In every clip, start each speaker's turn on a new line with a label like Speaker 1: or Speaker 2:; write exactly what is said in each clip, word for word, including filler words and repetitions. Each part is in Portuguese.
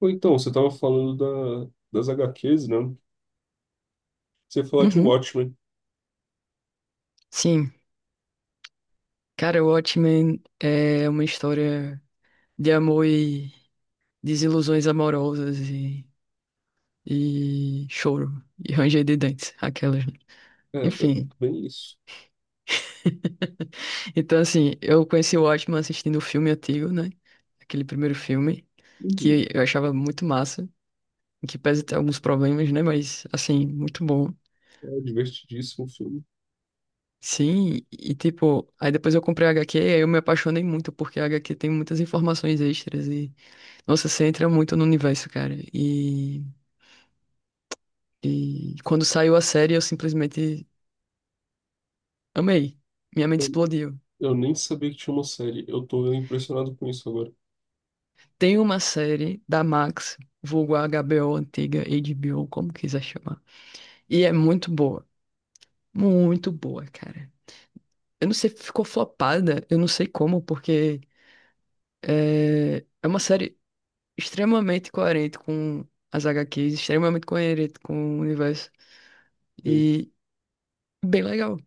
Speaker 1: Ou então, você tava falando da, das H Qs, né? Você ia falar de
Speaker 2: Uhum,
Speaker 1: Watchmen.
Speaker 2: sim. Cara, o Watchmen é uma história de amor e desilusões amorosas e, e choro e ranger de dentes, aquelas, né?
Speaker 1: É, b-
Speaker 2: Enfim.
Speaker 1: bem isso.
Speaker 2: Então, assim, eu conheci o Watchmen assistindo o filme antigo, né? Aquele primeiro filme,
Speaker 1: Uhum.
Speaker 2: que eu achava muito massa, que pese ter alguns problemas, né? Mas, assim, muito bom.
Speaker 1: É divertidíssimo o filme.
Speaker 2: Sim, e tipo, aí depois eu comprei a agá quê e aí eu me apaixonei muito, porque a agá quê tem muitas informações extras e nossa, você entra muito no universo, cara. E, e quando saiu a série, eu simplesmente amei. Minha mente
Speaker 1: Eu
Speaker 2: explodiu.
Speaker 1: eu nem sabia que tinha uma série. Eu tô impressionado com isso agora.
Speaker 2: Tem uma série da Max, vulgo agá bê ô antiga, agá bê ô, como quiser chamar. E é muito boa. Muito boa, cara. Eu não sei, ficou flopada, eu não sei como, porque é, é uma série extremamente coerente com as agá quês, extremamente coerente com o universo.
Speaker 1: Eu-
Speaker 2: E bem legal.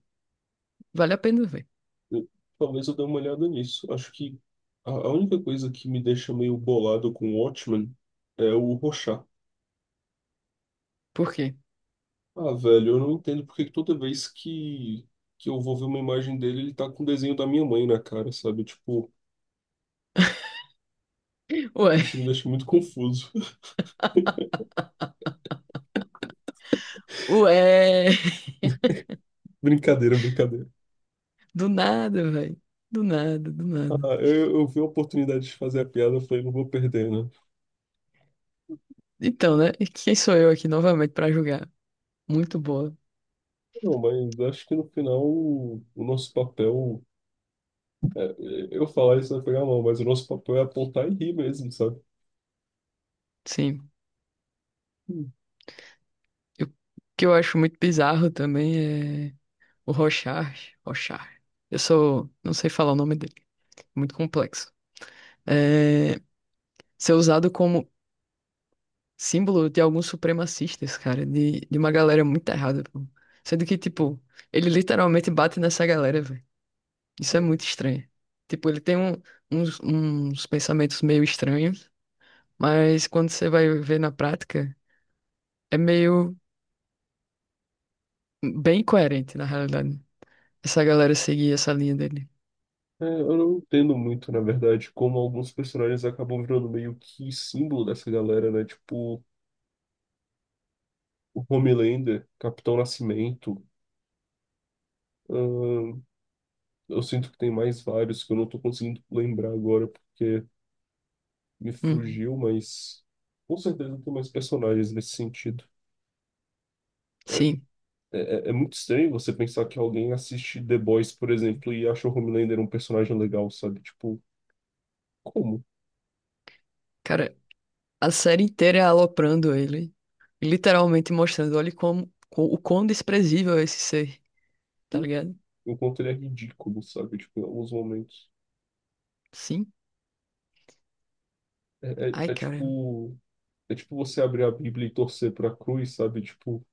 Speaker 2: Vale a pena ver.
Speaker 1: eu- talvez eu dê uma olhada nisso. Acho que a, a única coisa que me deixa meio bolado com Watchmen é o Rorschach.
Speaker 2: Por quê?
Speaker 1: Ah, velho, eu não entendo porque que toda vez que, que eu vou ver uma imagem dele, ele tá com o desenho da minha mãe na cara, sabe? Tipo,
Speaker 2: Ué.
Speaker 1: isso me deixa muito confuso.
Speaker 2: Ué,
Speaker 1: Brincadeira, brincadeira.
Speaker 2: do nada, velho. Do nada, do nada.
Speaker 1: Ah, eu, eu vi a oportunidade de fazer a piada, eu falei, não vou perder, né?
Speaker 2: Então, né? E quem sou eu aqui novamente pra julgar? Muito boa.
Speaker 1: Não, mas acho que no final o, o nosso papel, é, é, eu falar isso vai pegar mal, mas o nosso papel é apontar e rir mesmo, sabe?
Speaker 2: Sim.
Speaker 1: Hum.
Speaker 2: Eu- O que eu acho muito bizarro também é o Rochard. Rochard. Eu sou. Não sei falar o nome dele. Muito complexo. É, ser usado como símbolo de alguns supremacistas, cara. De, de uma galera muito errada, pô. Sendo que, tipo, ele literalmente bate nessa galera, velho. Isso é muito estranho. Tipo, ele tem um- uns, uns pensamentos meio estranhos. Mas quando você vai ver na prática, é meio bem coerente, na realidade. Essa galera seguir essa linha dele.
Speaker 1: É, eu não entendo muito, na verdade, como alguns personagens acabam virando meio que símbolo dessa galera, né? Tipo, o Homelander, Capitão Nascimento. ahn, eu sinto que tem mais vários que eu não tô conseguindo lembrar agora porque me
Speaker 2: Uhum.
Speaker 1: fugiu, mas com certeza tem mais personagens nesse sentido. É,
Speaker 2: Sim,
Speaker 1: É, é é muito estranho você pensar que alguém assiste The Boys, por exemplo, e acha o Homelander um personagem legal, sabe? Tipo, como?
Speaker 2: cara, a série inteira é aloprando ele, e literalmente mostrando, olha como, co- o quão desprezível é esse ser, tá ligado?
Speaker 1: O quanto ele é ridículo, sabe? Tipo, em alguns momentos.
Speaker 2: Sim.
Speaker 1: É, é,
Speaker 2: Ai,
Speaker 1: é
Speaker 2: cara,
Speaker 1: tipo. É tipo você abrir a Bíblia e torcer pra cruz, sabe? Tipo,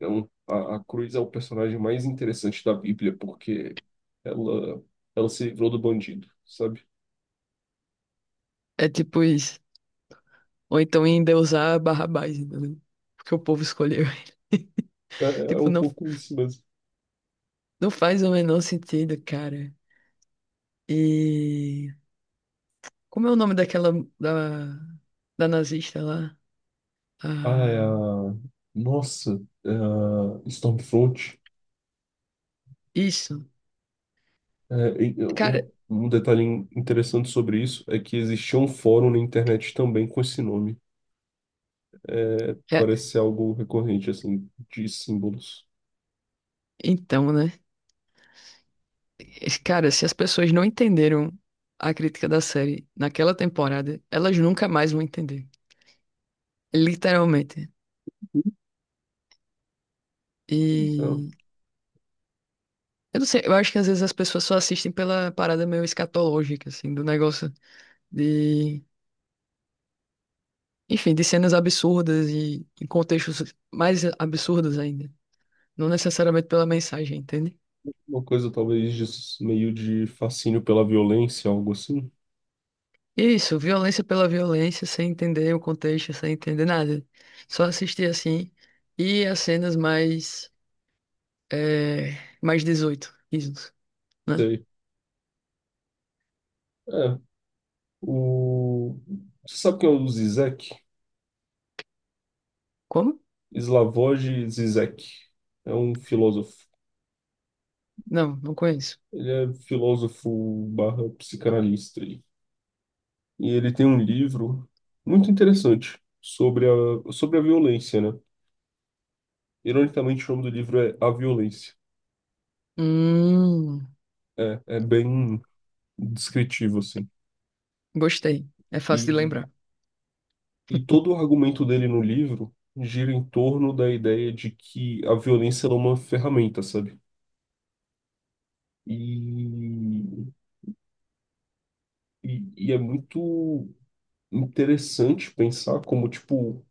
Speaker 1: é um, a, a cruz é o personagem mais interessante da Bíblia, porque ela, ela se livrou do bandido, sabe?
Speaker 2: é tipo isso. Ou então endeusar Barrabás, entendeu? Porque o povo escolheu ele.
Speaker 1: É, é é
Speaker 2: Tipo,
Speaker 1: um
Speaker 2: não,
Speaker 1: pouco isso mesmo.
Speaker 2: não faz o menor sentido, cara. E como é o nome daquela da, da nazista lá?
Speaker 1: Ah, é
Speaker 2: Ah,
Speaker 1: a... Nossa, é a Stormfront.
Speaker 2: isso.
Speaker 1: É, e,
Speaker 2: Cara,
Speaker 1: um, um detalhe interessante sobre isso é que existia um fórum na internet também com esse nome. É,
Speaker 2: é-
Speaker 1: parece ser algo recorrente, assim, de símbolos.
Speaker 2: então, né? Cara, se as pessoas não entenderam a crítica da série naquela temporada, elas nunca mais vão entender. Literalmente.
Speaker 1: Mas é
Speaker 2: E eu não sei, eu acho que às vezes as pessoas só assistem pela parada meio escatológica, assim, do negócio de, enfim, de cenas absurdas e em contextos mais absurdos ainda. Não necessariamente pela mensagem, entende?
Speaker 1: uma coisa talvez de, meio de fascínio pela violência, algo assim.
Speaker 2: Isso, violência pela violência, sem entender o contexto, sem entender nada. Só assistir assim. E as cenas mais. É, mais dezoito, isso, né?
Speaker 1: Sei. É, o... Você sabe quem é o Zizek?
Speaker 2: Como?
Speaker 1: Slavoj Zizek. É um filósofo.
Speaker 2: Não, não conheço.
Speaker 1: Ele é filósofo barra psicanalista. E ele tem um livro muito interessante sobre a, sobre a violência, né? Ironicamente, o nome do livro é A Violência.
Speaker 2: Hum,
Speaker 1: É, é bem descritivo, assim.
Speaker 2: gostei. É fácil de
Speaker 1: E,
Speaker 2: lembrar.
Speaker 1: e todo o argumento dele no livro gira em torno da ideia de que a violência ela é uma ferramenta, sabe? E, e, e é muito interessante pensar como, tipo,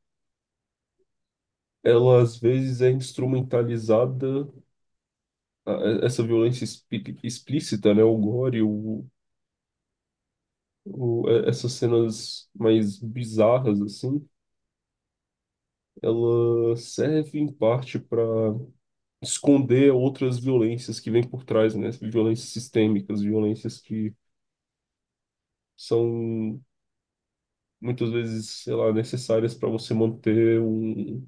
Speaker 1: ela às vezes é instrumentalizada a- essa violência explí- explícita, né, o gore, o, o- é- essas cenas mais bizarras, assim, ela serve em parte para esconder outras violências que vêm por trás, né? Violências sistêmicas, violências que são muitas vezes, sei lá, necessárias para você manter um,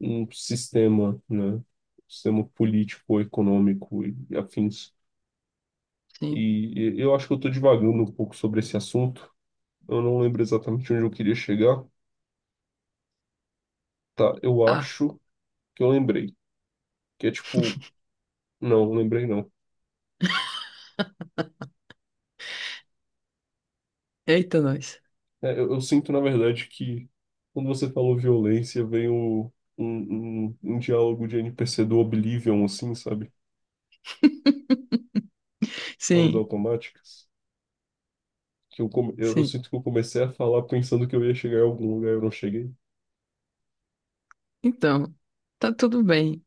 Speaker 1: um sistema, né? Um sistema político, econômico e afins.
Speaker 2: Sim.
Speaker 1: E e eu acho que eu estou divagando um pouco sobre esse assunto. Eu não lembro exatamente onde eu queria chegar. Tá, eu
Speaker 2: Ah,
Speaker 1: acho que eu lembrei que é tipo. Não, lembrei não.
Speaker 2: eita nós.
Speaker 1: É, eu, eu sinto, na verdade, que quando você falou violência, veio um, um, um diálogo de N P C do Oblivion, assim, sabe? Falas
Speaker 2: Sim,
Speaker 1: automáticas. Que eu, come- eu, eu
Speaker 2: sim.
Speaker 1: sinto que eu comecei a falar pensando que eu ia chegar em algum lugar e eu não cheguei.
Speaker 2: Então, tá tudo bem.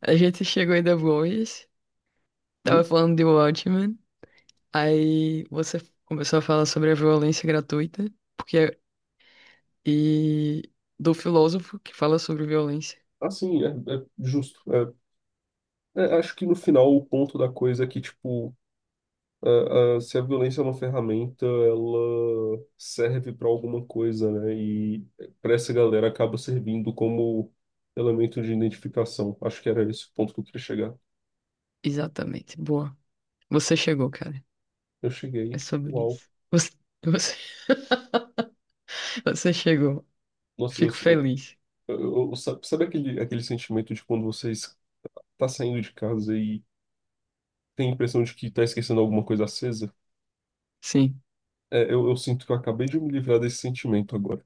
Speaker 2: A gente chegou em The Voice, tava
Speaker 1: Hum?
Speaker 2: falando de Watchmen, aí você começou a falar sobre a violência gratuita, porque e do filósofo que fala sobre violência.
Speaker 1: Assim, é, é justo. É, é, acho que no final o ponto da coisa é que, tipo, a- a- se a violência é uma ferramenta, ela serve para alguma coisa, né? E para essa galera acaba servindo como elemento de identificação. Acho que era esse o ponto que eu queria chegar.
Speaker 2: Exatamente. Boa. Você chegou, cara.
Speaker 1: Eu
Speaker 2: É
Speaker 1: cheguei.
Speaker 2: sobre
Speaker 1: Uau.
Speaker 2: isso. Você, você, você chegou.
Speaker 1: Nossa, eu,
Speaker 2: Fico
Speaker 1: eu,
Speaker 2: feliz.
Speaker 1: eu- eu- sabe, sabe aquele, aquele sentimento de quando você está saindo de casa e tem a impressão de que está esquecendo alguma coisa acesa?
Speaker 2: Sim.
Speaker 1: É, eu, eu sinto que eu acabei de me livrar desse sentimento agora.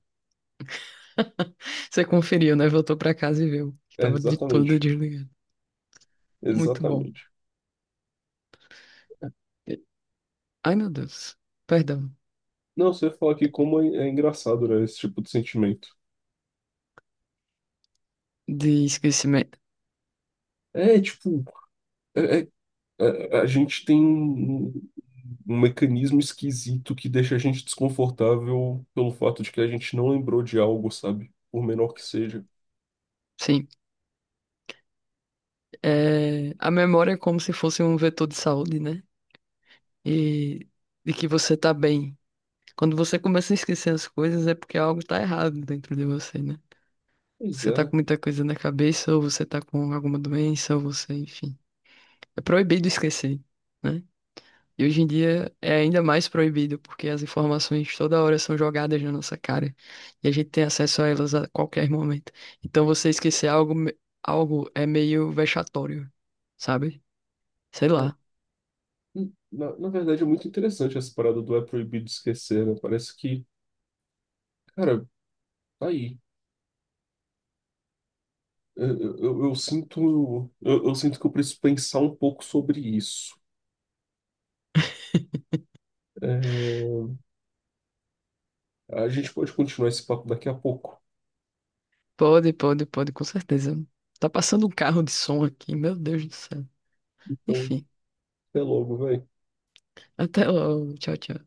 Speaker 2: Você conferiu, né? Voltou pra casa e viu que
Speaker 1: É,
Speaker 2: tava de tudo
Speaker 1: exatamente.
Speaker 2: desligado. Muito bom.
Speaker 1: Exatamente.
Speaker 2: Ai, meu Deus. Perdão.
Speaker 1: Não, você fala que como é, é engraçado, né, esse tipo de sentimento.
Speaker 2: De esquecimento.
Speaker 1: É, tipo, é- é- a gente tem um, um mecanismo esquisito que deixa a gente desconfortável pelo fato de que a gente não lembrou de algo, sabe? Por menor que seja.
Speaker 2: Sim. É, a memória é como se fosse um vetor de saúde, né? E de que você tá bem. Quando você começa a esquecer as coisas, é porque algo tá errado dentro de você, né?
Speaker 1: Pois
Speaker 2: Você tá
Speaker 1: é.
Speaker 2: com muita coisa na cabeça, ou você tá com alguma doença, ou você, enfim. É proibido esquecer, né? E hoje em dia é ainda mais proibido, porque as informações toda hora são jogadas na nossa cara. E a gente tem acesso a elas a qualquer momento. Então você esquecer algo, me- algo é meio vexatório, sabe? Sei
Speaker 1: é,
Speaker 2: lá.
Speaker 1: hum, Na, na verdade, é muito interessante essa parada do é proibido esquecer, né? Parece que, cara, tá aí. Eu, eu, eu- eu sinto, eu, eu sinto que eu preciso pensar um pouco sobre isso. É, a gente pode continuar esse papo daqui a pouco.
Speaker 2: Pode, pode, pode, com certeza. Tá passando um carro de som aqui, meu Deus do céu.
Speaker 1: Então,
Speaker 2: Enfim.
Speaker 1: até logo, velho.
Speaker 2: Até logo. Tchau, tchau.